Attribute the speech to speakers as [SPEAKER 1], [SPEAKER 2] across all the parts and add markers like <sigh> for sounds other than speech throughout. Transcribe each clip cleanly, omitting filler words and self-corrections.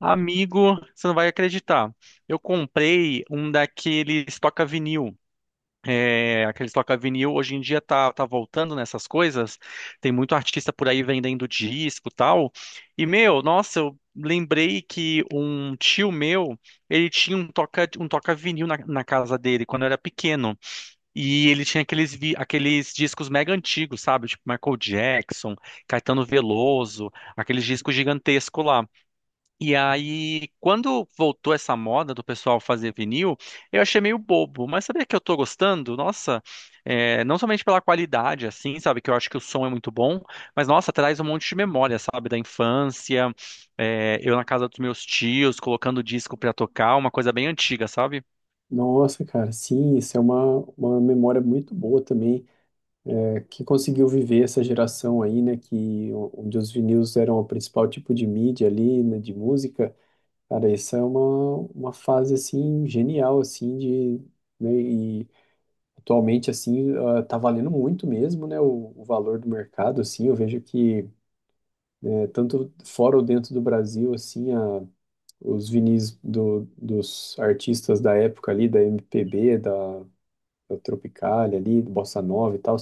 [SPEAKER 1] Amigo, você não vai acreditar. Eu comprei um daqueles toca-vinil. É, aqueles toca-vinil hoje em dia tá voltando nessas coisas. Tem muito artista por aí vendendo disco e tal. E, meu, nossa, eu lembrei que um tio meu, ele tinha um toca, um toca-vinil na casa dele quando eu era pequeno. E ele tinha aqueles, aqueles discos mega antigos, sabe? Tipo Michael Jackson, Caetano Veloso, aqueles discos gigantescos lá. E aí, quando voltou essa moda do pessoal fazer vinil, eu achei meio bobo, mas sabia que eu tô gostando? Nossa, é, não somente pela qualidade, assim, sabe, que eu acho que o som é muito bom, mas nossa, traz um monte de memória, sabe, da infância, é, eu na casa dos meus tios, colocando disco pra tocar, uma coisa bem antiga, sabe?
[SPEAKER 2] Nossa, cara, sim, isso é uma memória muito boa também. É, quem conseguiu viver essa geração aí, né, onde os vinis eram o principal tipo de mídia ali, né, de música, cara, isso é uma fase, assim, genial, assim, de, né, e atualmente, assim, ah, tá valendo muito mesmo, né, o valor do mercado, assim, eu vejo que, né, tanto fora ou dentro do Brasil, assim, a os vinis dos artistas da época ali, da MPB, da o Tropicália ali, Bossa Nova e tal,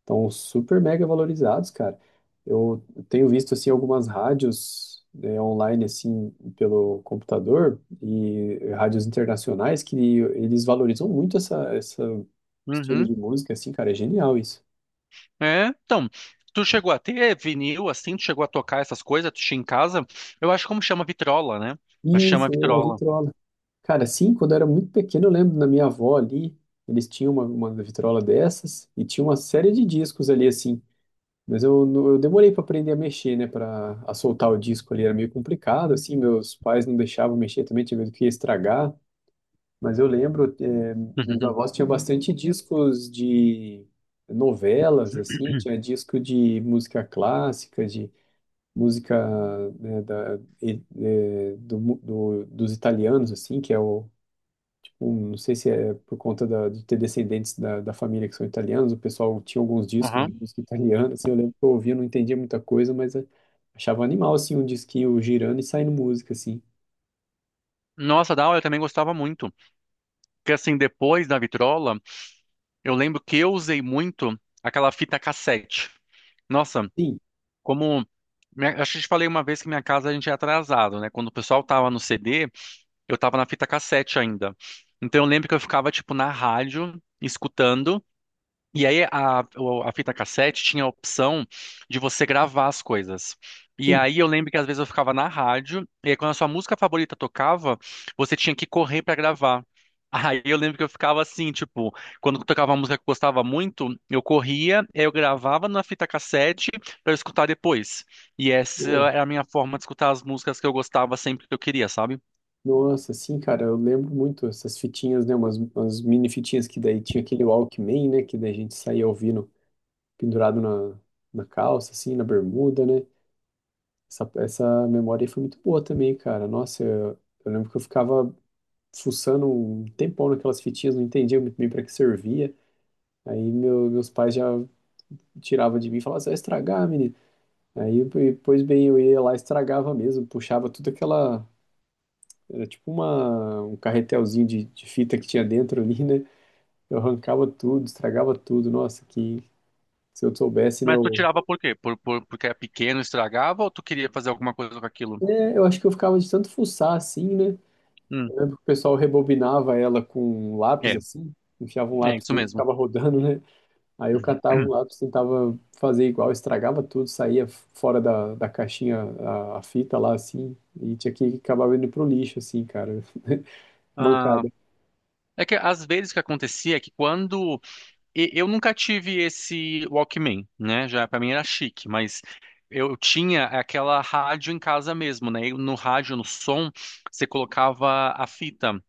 [SPEAKER 2] estão super mega valorizados, cara. Eu tenho visto, assim, algumas rádios, né, online, assim, pelo computador e rádios internacionais que eles valorizam muito essa estilo
[SPEAKER 1] Uhum.
[SPEAKER 2] de música, assim, cara, é genial isso.
[SPEAKER 1] É, então, tu chegou a ter vinil, assim, tu chegou a tocar essas coisas, tu tinha em casa, eu acho como chama vitrola, né? Eu acho que chama
[SPEAKER 2] Isso, é a
[SPEAKER 1] vitrola.
[SPEAKER 2] vitrola. Cara, assim quando eu era muito pequeno, eu lembro da minha avó ali, eles tinham uma vitrola dessas e tinha uma série de discos ali, assim. Mas eu, não- eu demorei para aprender a mexer, né? Para a soltar o disco ali era meio complicado, assim. Meus pais não deixavam mexer também, tinha medo que ia estragar. Mas eu lembro, meus
[SPEAKER 1] <laughs>
[SPEAKER 2] avós tinham bastante discos de novelas, assim. Tinha disco de música clássica, de música né, da, e- eh, do, mu- do- dos italianos, assim, que é não sei se é por conta de ter descendentes da, da família que são italianos, o pessoal tinha alguns discos de
[SPEAKER 1] Uhum.
[SPEAKER 2] música italiana, assim, eu lembro que eu ouvia, não entendia muita coisa, mas achava animal, assim, um disquinho girando e saindo música, assim.
[SPEAKER 1] Nossa, da aula eu também gostava muito. Porque assim, depois da vitrola, eu lembro que eu usei muito aquela fita cassete. Nossa,
[SPEAKER 2] Sim,
[SPEAKER 1] como. Acho que eu te falei uma vez que minha casa a gente é atrasado, né? Quando o pessoal tava no CD, eu tava na fita cassete ainda. Então eu lembro que eu ficava, tipo, na rádio, escutando. E aí a fita cassete tinha a opção de você gravar as coisas. E
[SPEAKER 2] sim,
[SPEAKER 1] aí eu lembro que às vezes eu ficava na rádio, e aí quando a sua música favorita tocava, você tinha que correr pra gravar. <laughs> Aí eu lembro que eu ficava assim, tipo, quando tocava uma música que eu gostava muito, eu corria, aí eu gravava na fita cassete pra eu escutar depois. E essa
[SPEAKER 2] boa.
[SPEAKER 1] era a minha forma de escutar as músicas que eu gostava sempre que eu queria, sabe?
[SPEAKER 2] Nossa, sim, cara, eu lembro muito essas fitinhas, né, umas mini fitinhas que daí tinha aquele Walkman, né, que daí a gente saía ouvindo pendurado na, na calça, assim, na bermuda, né, essa memória aí foi muito boa também, cara, nossa, eu lembro que eu ficava fuçando um tempão naquelas fitinhas, não entendia muito bem para que servia. Aí meus pais já tiravam de mim e falavam, você vai estragar, menino. Aí, e, pois bem, eu ia lá e estragava mesmo, puxava tudo aquela. Era tipo uma, um carretelzinho de fita que tinha dentro ali, né? Eu arrancava tudo, estragava tudo. Nossa, que se eu soubesse, né?
[SPEAKER 1] Mas tu
[SPEAKER 2] Eu,
[SPEAKER 1] tirava por quê? Porque era pequeno, estragava, ou tu queria fazer alguma coisa com aquilo?
[SPEAKER 2] é, eu acho que eu ficava de tanto fuçar assim, né?
[SPEAKER 1] Hum,
[SPEAKER 2] Eu lembro que o pessoal rebobinava ela com um lápis
[SPEAKER 1] é,
[SPEAKER 2] assim, enfiava um
[SPEAKER 1] é
[SPEAKER 2] lápis
[SPEAKER 1] isso
[SPEAKER 2] dentro e
[SPEAKER 1] mesmo.
[SPEAKER 2] ficava rodando, né? Aí eu catava um lápis, tentava fazer igual, estragava tudo, saía fora da, da caixinha a fita lá, assim, e tinha que acabar indo pro lixo, assim, cara. <laughs>
[SPEAKER 1] Ah,
[SPEAKER 2] Mancada.
[SPEAKER 1] é que às vezes o que acontecia é que quando eu nunca tive esse Walkman, né? Já para mim era chique, mas eu tinha aquela rádio em casa mesmo, né? E no rádio, no som, você colocava a fita.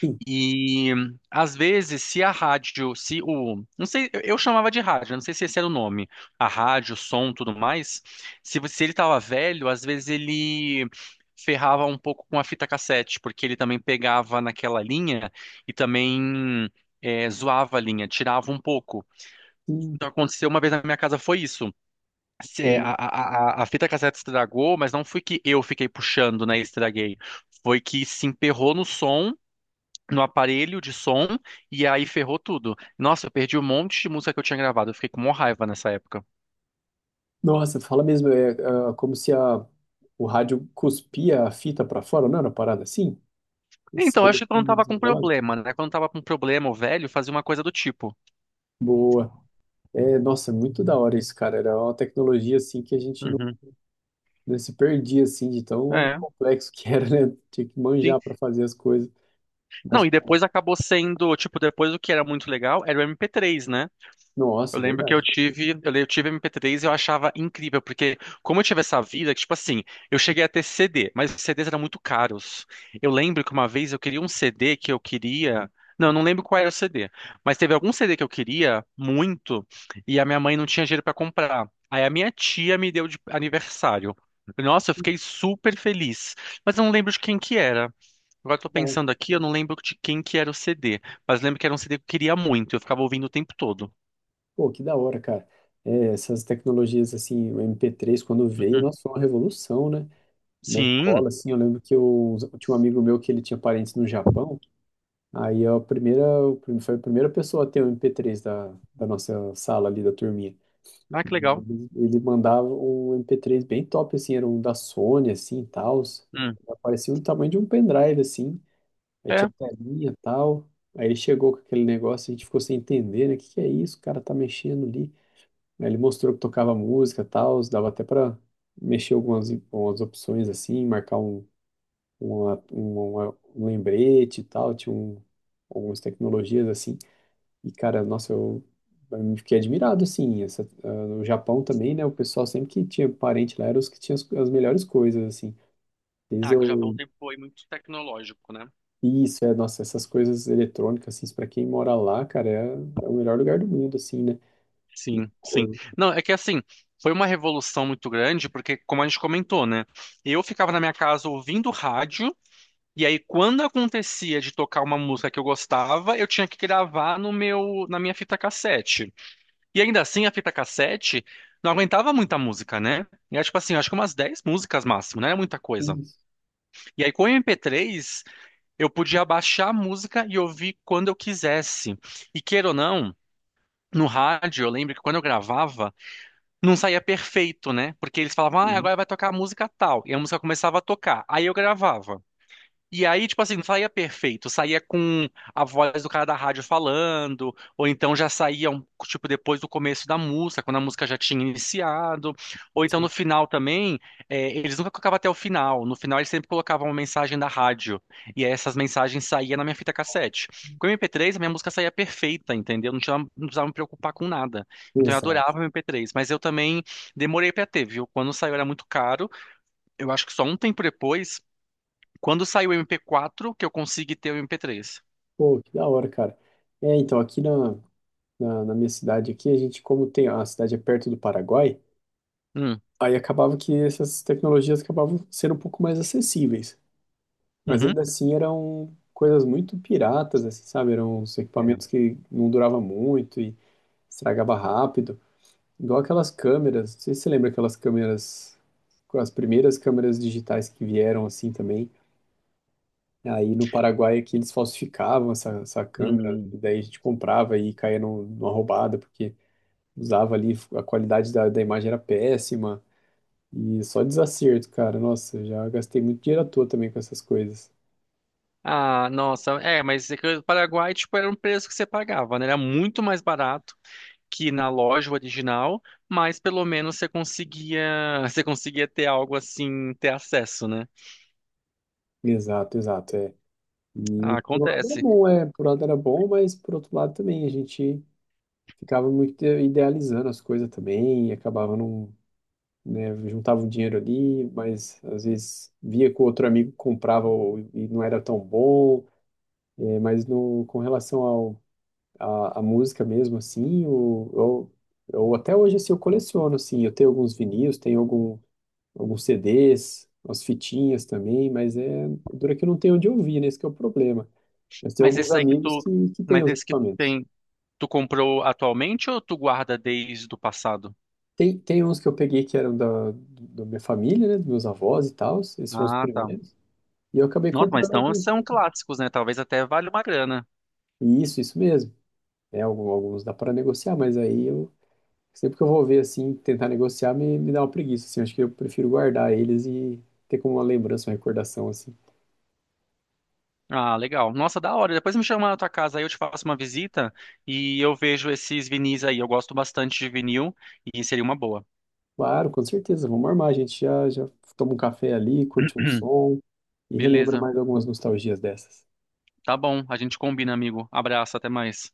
[SPEAKER 2] Sim,
[SPEAKER 1] E às vezes, se a rádio, se o, não sei, eu chamava de rádio, não sei se esse era o nome, a rádio, o som, tudo mais. Se ele estava velho, às vezes ele ferrava um pouco com a fita cassete, porque ele também pegava naquela linha e também zoava a linha, tirava um pouco.
[SPEAKER 2] sim.
[SPEAKER 1] Então aconteceu uma vez na minha casa foi isso. A fita cassete estragou, mas não foi que eu fiquei puxando, né, e estraguei. Foi que se emperrou no som no aparelho de som e aí ferrou tudo. Nossa, eu perdi um monte de música que eu tinha gravado, eu fiquei com uma raiva nessa época.
[SPEAKER 2] Nossa, fala mesmo, é, ah, como se a, o rádio cuspia a fita pra fora, não era uma parada assim? E
[SPEAKER 1] Então, eu acho
[SPEAKER 2] saía
[SPEAKER 1] que quando
[SPEAKER 2] tudo
[SPEAKER 1] tava com
[SPEAKER 2] desembolado.
[SPEAKER 1] problema, né? Quando tava com problema, o velho fazia uma coisa do tipo.
[SPEAKER 2] Boa. É, nossa, muito da hora isso, cara. Era uma tecnologia, assim, que a gente não,
[SPEAKER 1] Uhum.
[SPEAKER 2] não se perdia, assim, de tão
[SPEAKER 1] É,
[SPEAKER 2] complexo que <laughs> era, né? Tinha que
[SPEAKER 1] sim.
[SPEAKER 2] manjar para fazer as coisas.
[SPEAKER 1] Não,
[SPEAKER 2] Mas
[SPEAKER 1] e depois acabou sendo, tipo, depois o que era muito legal era o MP3, né? Eu
[SPEAKER 2] Nossa,
[SPEAKER 1] lembro que eu
[SPEAKER 2] verdade.
[SPEAKER 1] tive, eu tive MP3 e eu achava incrível, porque como eu tive essa vida, que, tipo assim, eu cheguei a ter CD, mas os CDs eram muito caros. Eu lembro que uma vez eu queria um CD que eu queria. Não, eu não lembro qual era o CD, mas teve algum CD que eu queria muito e a minha mãe não tinha dinheiro para comprar. Aí a minha tia me deu de aniversário. Nossa, eu fiquei super feliz, mas eu não lembro de quem que era. Agora eu tô
[SPEAKER 2] Que
[SPEAKER 1] pensando aqui, eu não lembro de quem que era o CD, mas lembro que era um CD que eu queria muito, eu ficava ouvindo o tempo todo.
[SPEAKER 2] Pô, que da hora, cara. É, essas tecnologias, assim, o MP3, quando veio, nossa, foi uma revolução, né? Na
[SPEAKER 1] Sim.
[SPEAKER 2] escola, assim, eu lembro que eu tinha um amigo meu que ele tinha parentes no Japão, aí a primeira, foi a primeira pessoa a ter o MP3 da nossa sala ali, da turminha.
[SPEAKER 1] Ah, que legal.
[SPEAKER 2] Ele mandava um MP3 bem top, assim, era um da Sony, assim, e tal.
[SPEAKER 1] Hum.
[SPEAKER 2] Parecia o tamanho de um pendrive, assim. Aí
[SPEAKER 1] É.
[SPEAKER 2] tinha telinha e tal. Aí ele chegou com aquele negócio, a gente ficou sem entender, né? O que que é isso? O cara tá mexendo ali. Aí ele mostrou que tocava música e tal, dava até pra mexer algumas opções assim, marcar um, um lembrete e tal, tinha um, algumas tecnologias assim. E cara, nossa, eu fiquei admirado assim. Essa, ah, no Japão também, né? O pessoal sempre que tinha parente lá era os que tinham as, as melhores coisas, assim.
[SPEAKER 1] Ah,
[SPEAKER 2] Desde
[SPEAKER 1] que o Japão
[SPEAKER 2] o
[SPEAKER 1] sempre foi muito tecnológico, né?
[SPEAKER 2] Isso, é, nossa, essas coisas eletrônicas, assim, pra quem mora lá, cara, é, é o melhor lugar do mundo, assim, né?
[SPEAKER 1] Sim, sim.
[SPEAKER 2] Pô,
[SPEAKER 1] Não, é que assim, foi uma revolução muito grande, porque, como a gente comentou, né? Eu ficava na minha casa ouvindo rádio, e aí, quando acontecia de tocar uma música que eu gostava, eu tinha que gravar no meu, na minha fita cassete. E ainda assim, a fita cassete não aguentava muita música, né? E era tipo assim, acho que umas 10 músicas máximo, não era muita coisa.
[SPEAKER 2] Isso,
[SPEAKER 1] E aí, com o MP3, eu podia baixar a música e ouvir quando eu quisesse. E queira ou não, no rádio, eu lembro que quando eu gravava, não saía perfeito, né? Porque eles falavam, ah,
[SPEAKER 2] isso,
[SPEAKER 1] agora vai tocar a música tal. E a música começava a tocar. Aí eu gravava. E aí, tipo assim, não saía perfeito, saía com a voz do cara da rádio falando, ou então já saía, tipo, depois do começo da música, quando a música já tinha iniciado, ou então no
[SPEAKER 2] sim.
[SPEAKER 1] final também, é, eles nunca colocavam até o final, no final eles sempre colocavam uma mensagem da rádio, e aí essas mensagens saíam na minha fita cassete. Com o MP3, a minha música saía perfeita, entendeu? Não tinha, não precisava me preocupar com nada. Então eu adorava
[SPEAKER 2] Exato.
[SPEAKER 1] o MP3, mas eu também demorei pra ter, viu? Quando saiu era muito caro, eu acho que só um tempo depois. Quando saiu o MP4, que eu consegui ter o MP3.
[SPEAKER 2] Pô, que da hora, cara. É, então, aqui na, na minha cidade, aqui, a gente, como tem, a cidade é perto do Paraguai,
[SPEAKER 1] Hum,
[SPEAKER 2] aí acabava que essas tecnologias acabavam sendo um pouco mais acessíveis. Mas
[SPEAKER 1] uhum.
[SPEAKER 2] ainda assim eram coisas muito piratas, assim, sabe? Eram uns
[SPEAKER 1] É.
[SPEAKER 2] equipamentos que não duravam muito e estragava rápido. Igual aquelas câmeras, não sei se você lembra aquelas câmeras, as primeiras câmeras digitais que vieram assim também. Aí no Paraguai aqui eles falsificavam essa câmera,
[SPEAKER 1] Hum.
[SPEAKER 2] e daí a gente comprava e caía numa roubada, porque usava ali, a qualidade da, da imagem era péssima, e só desacerto, cara. Nossa, já gastei muito dinheiro à toa também com essas coisas.
[SPEAKER 1] Ah, nossa, é, mas é que o Paraguai, tipo, era um preço que você pagava, né? Era muito mais barato que na loja original, mas pelo menos você conseguia, <laughs> você conseguia ter algo assim, ter acesso, né?
[SPEAKER 2] Exato, exato, é.
[SPEAKER 1] Ah,
[SPEAKER 2] E por um lado era
[SPEAKER 1] acontece.
[SPEAKER 2] bom, é, por um lado era bom, mas por outro lado também a gente ficava muito idealizando as coisas também e acabava não né? Juntava o dinheiro ali, mas às vezes via que o outro amigo comprava e não era tão bom. É, mas no, com relação ao, à, à música mesmo, assim, eu até hoje assim, eu coleciono, assim, eu tenho alguns vinis, tenho algum, alguns CDs, umas fitinhas também, mas é dura que eu não tenho onde ouvir, né? Esse que é o problema. Mas tem
[SPEAKER 1] Mas
[SPEAKER 2] alguns
[SPEAKER 1] esse aí que
[SPEAKER 2] amigos
[SPEAKER 1] tu,
[SPEAKER 2] que têm
[SPEAKER 1] mas
[SPEAKER 2] os
[SPEAKER 1] esse que tu
[SPEAKER 2] equipamentos.
[SPEAKER 1] tem, tu comprou atualmente ou tu guarda desde o passado?
[SPEAKER 2] Tem, tem uns que eu peguei que eram da, da minha família, né? Dos meus avós e tal, esses foram os
[SPEAKER 1] Ah, tá.
[SPEAKER 2] primeiros. E eu acabei
[SPEAKER 1] Nossa, mas
[SPEAKER 2] comprando
[SPEAKER 1] então
[SPEAKER 2] alguns.
[SPEAKER 1] são clássicos, né? Talvez até valha uma grana.
[SPEAKER 2] Isso mesmo. É, alguns dá para negociar, mas aí eu sempre que eu vou ver assim, tentar negociar, me dá uma preguiça, assim, acho que eu prefiro guardar eles e ter como uma lembrança, uma recordação assim.
[SPEAKER 1] Ah, legal. Nossa, da hora. Depois me chama na tua casa aí, eu te faço uma visita e eu vejo esses vinis aí. Eu gosto bastante de vinil e seria uma boa.
[SPEAKER 2] Claro, com certeza, vamos armar, a gente já já toma um café ali, curte um
[SPEAKER 1] <clears throat>
[SPEAKER 2] som e relembra
[SPEAKER 1] Beleza.
[SPEAKER 2] mais algumas nostalgias dessas.
[SPEAKER 1] Tá bom, a gente combina, amigo. Abraço, até mais.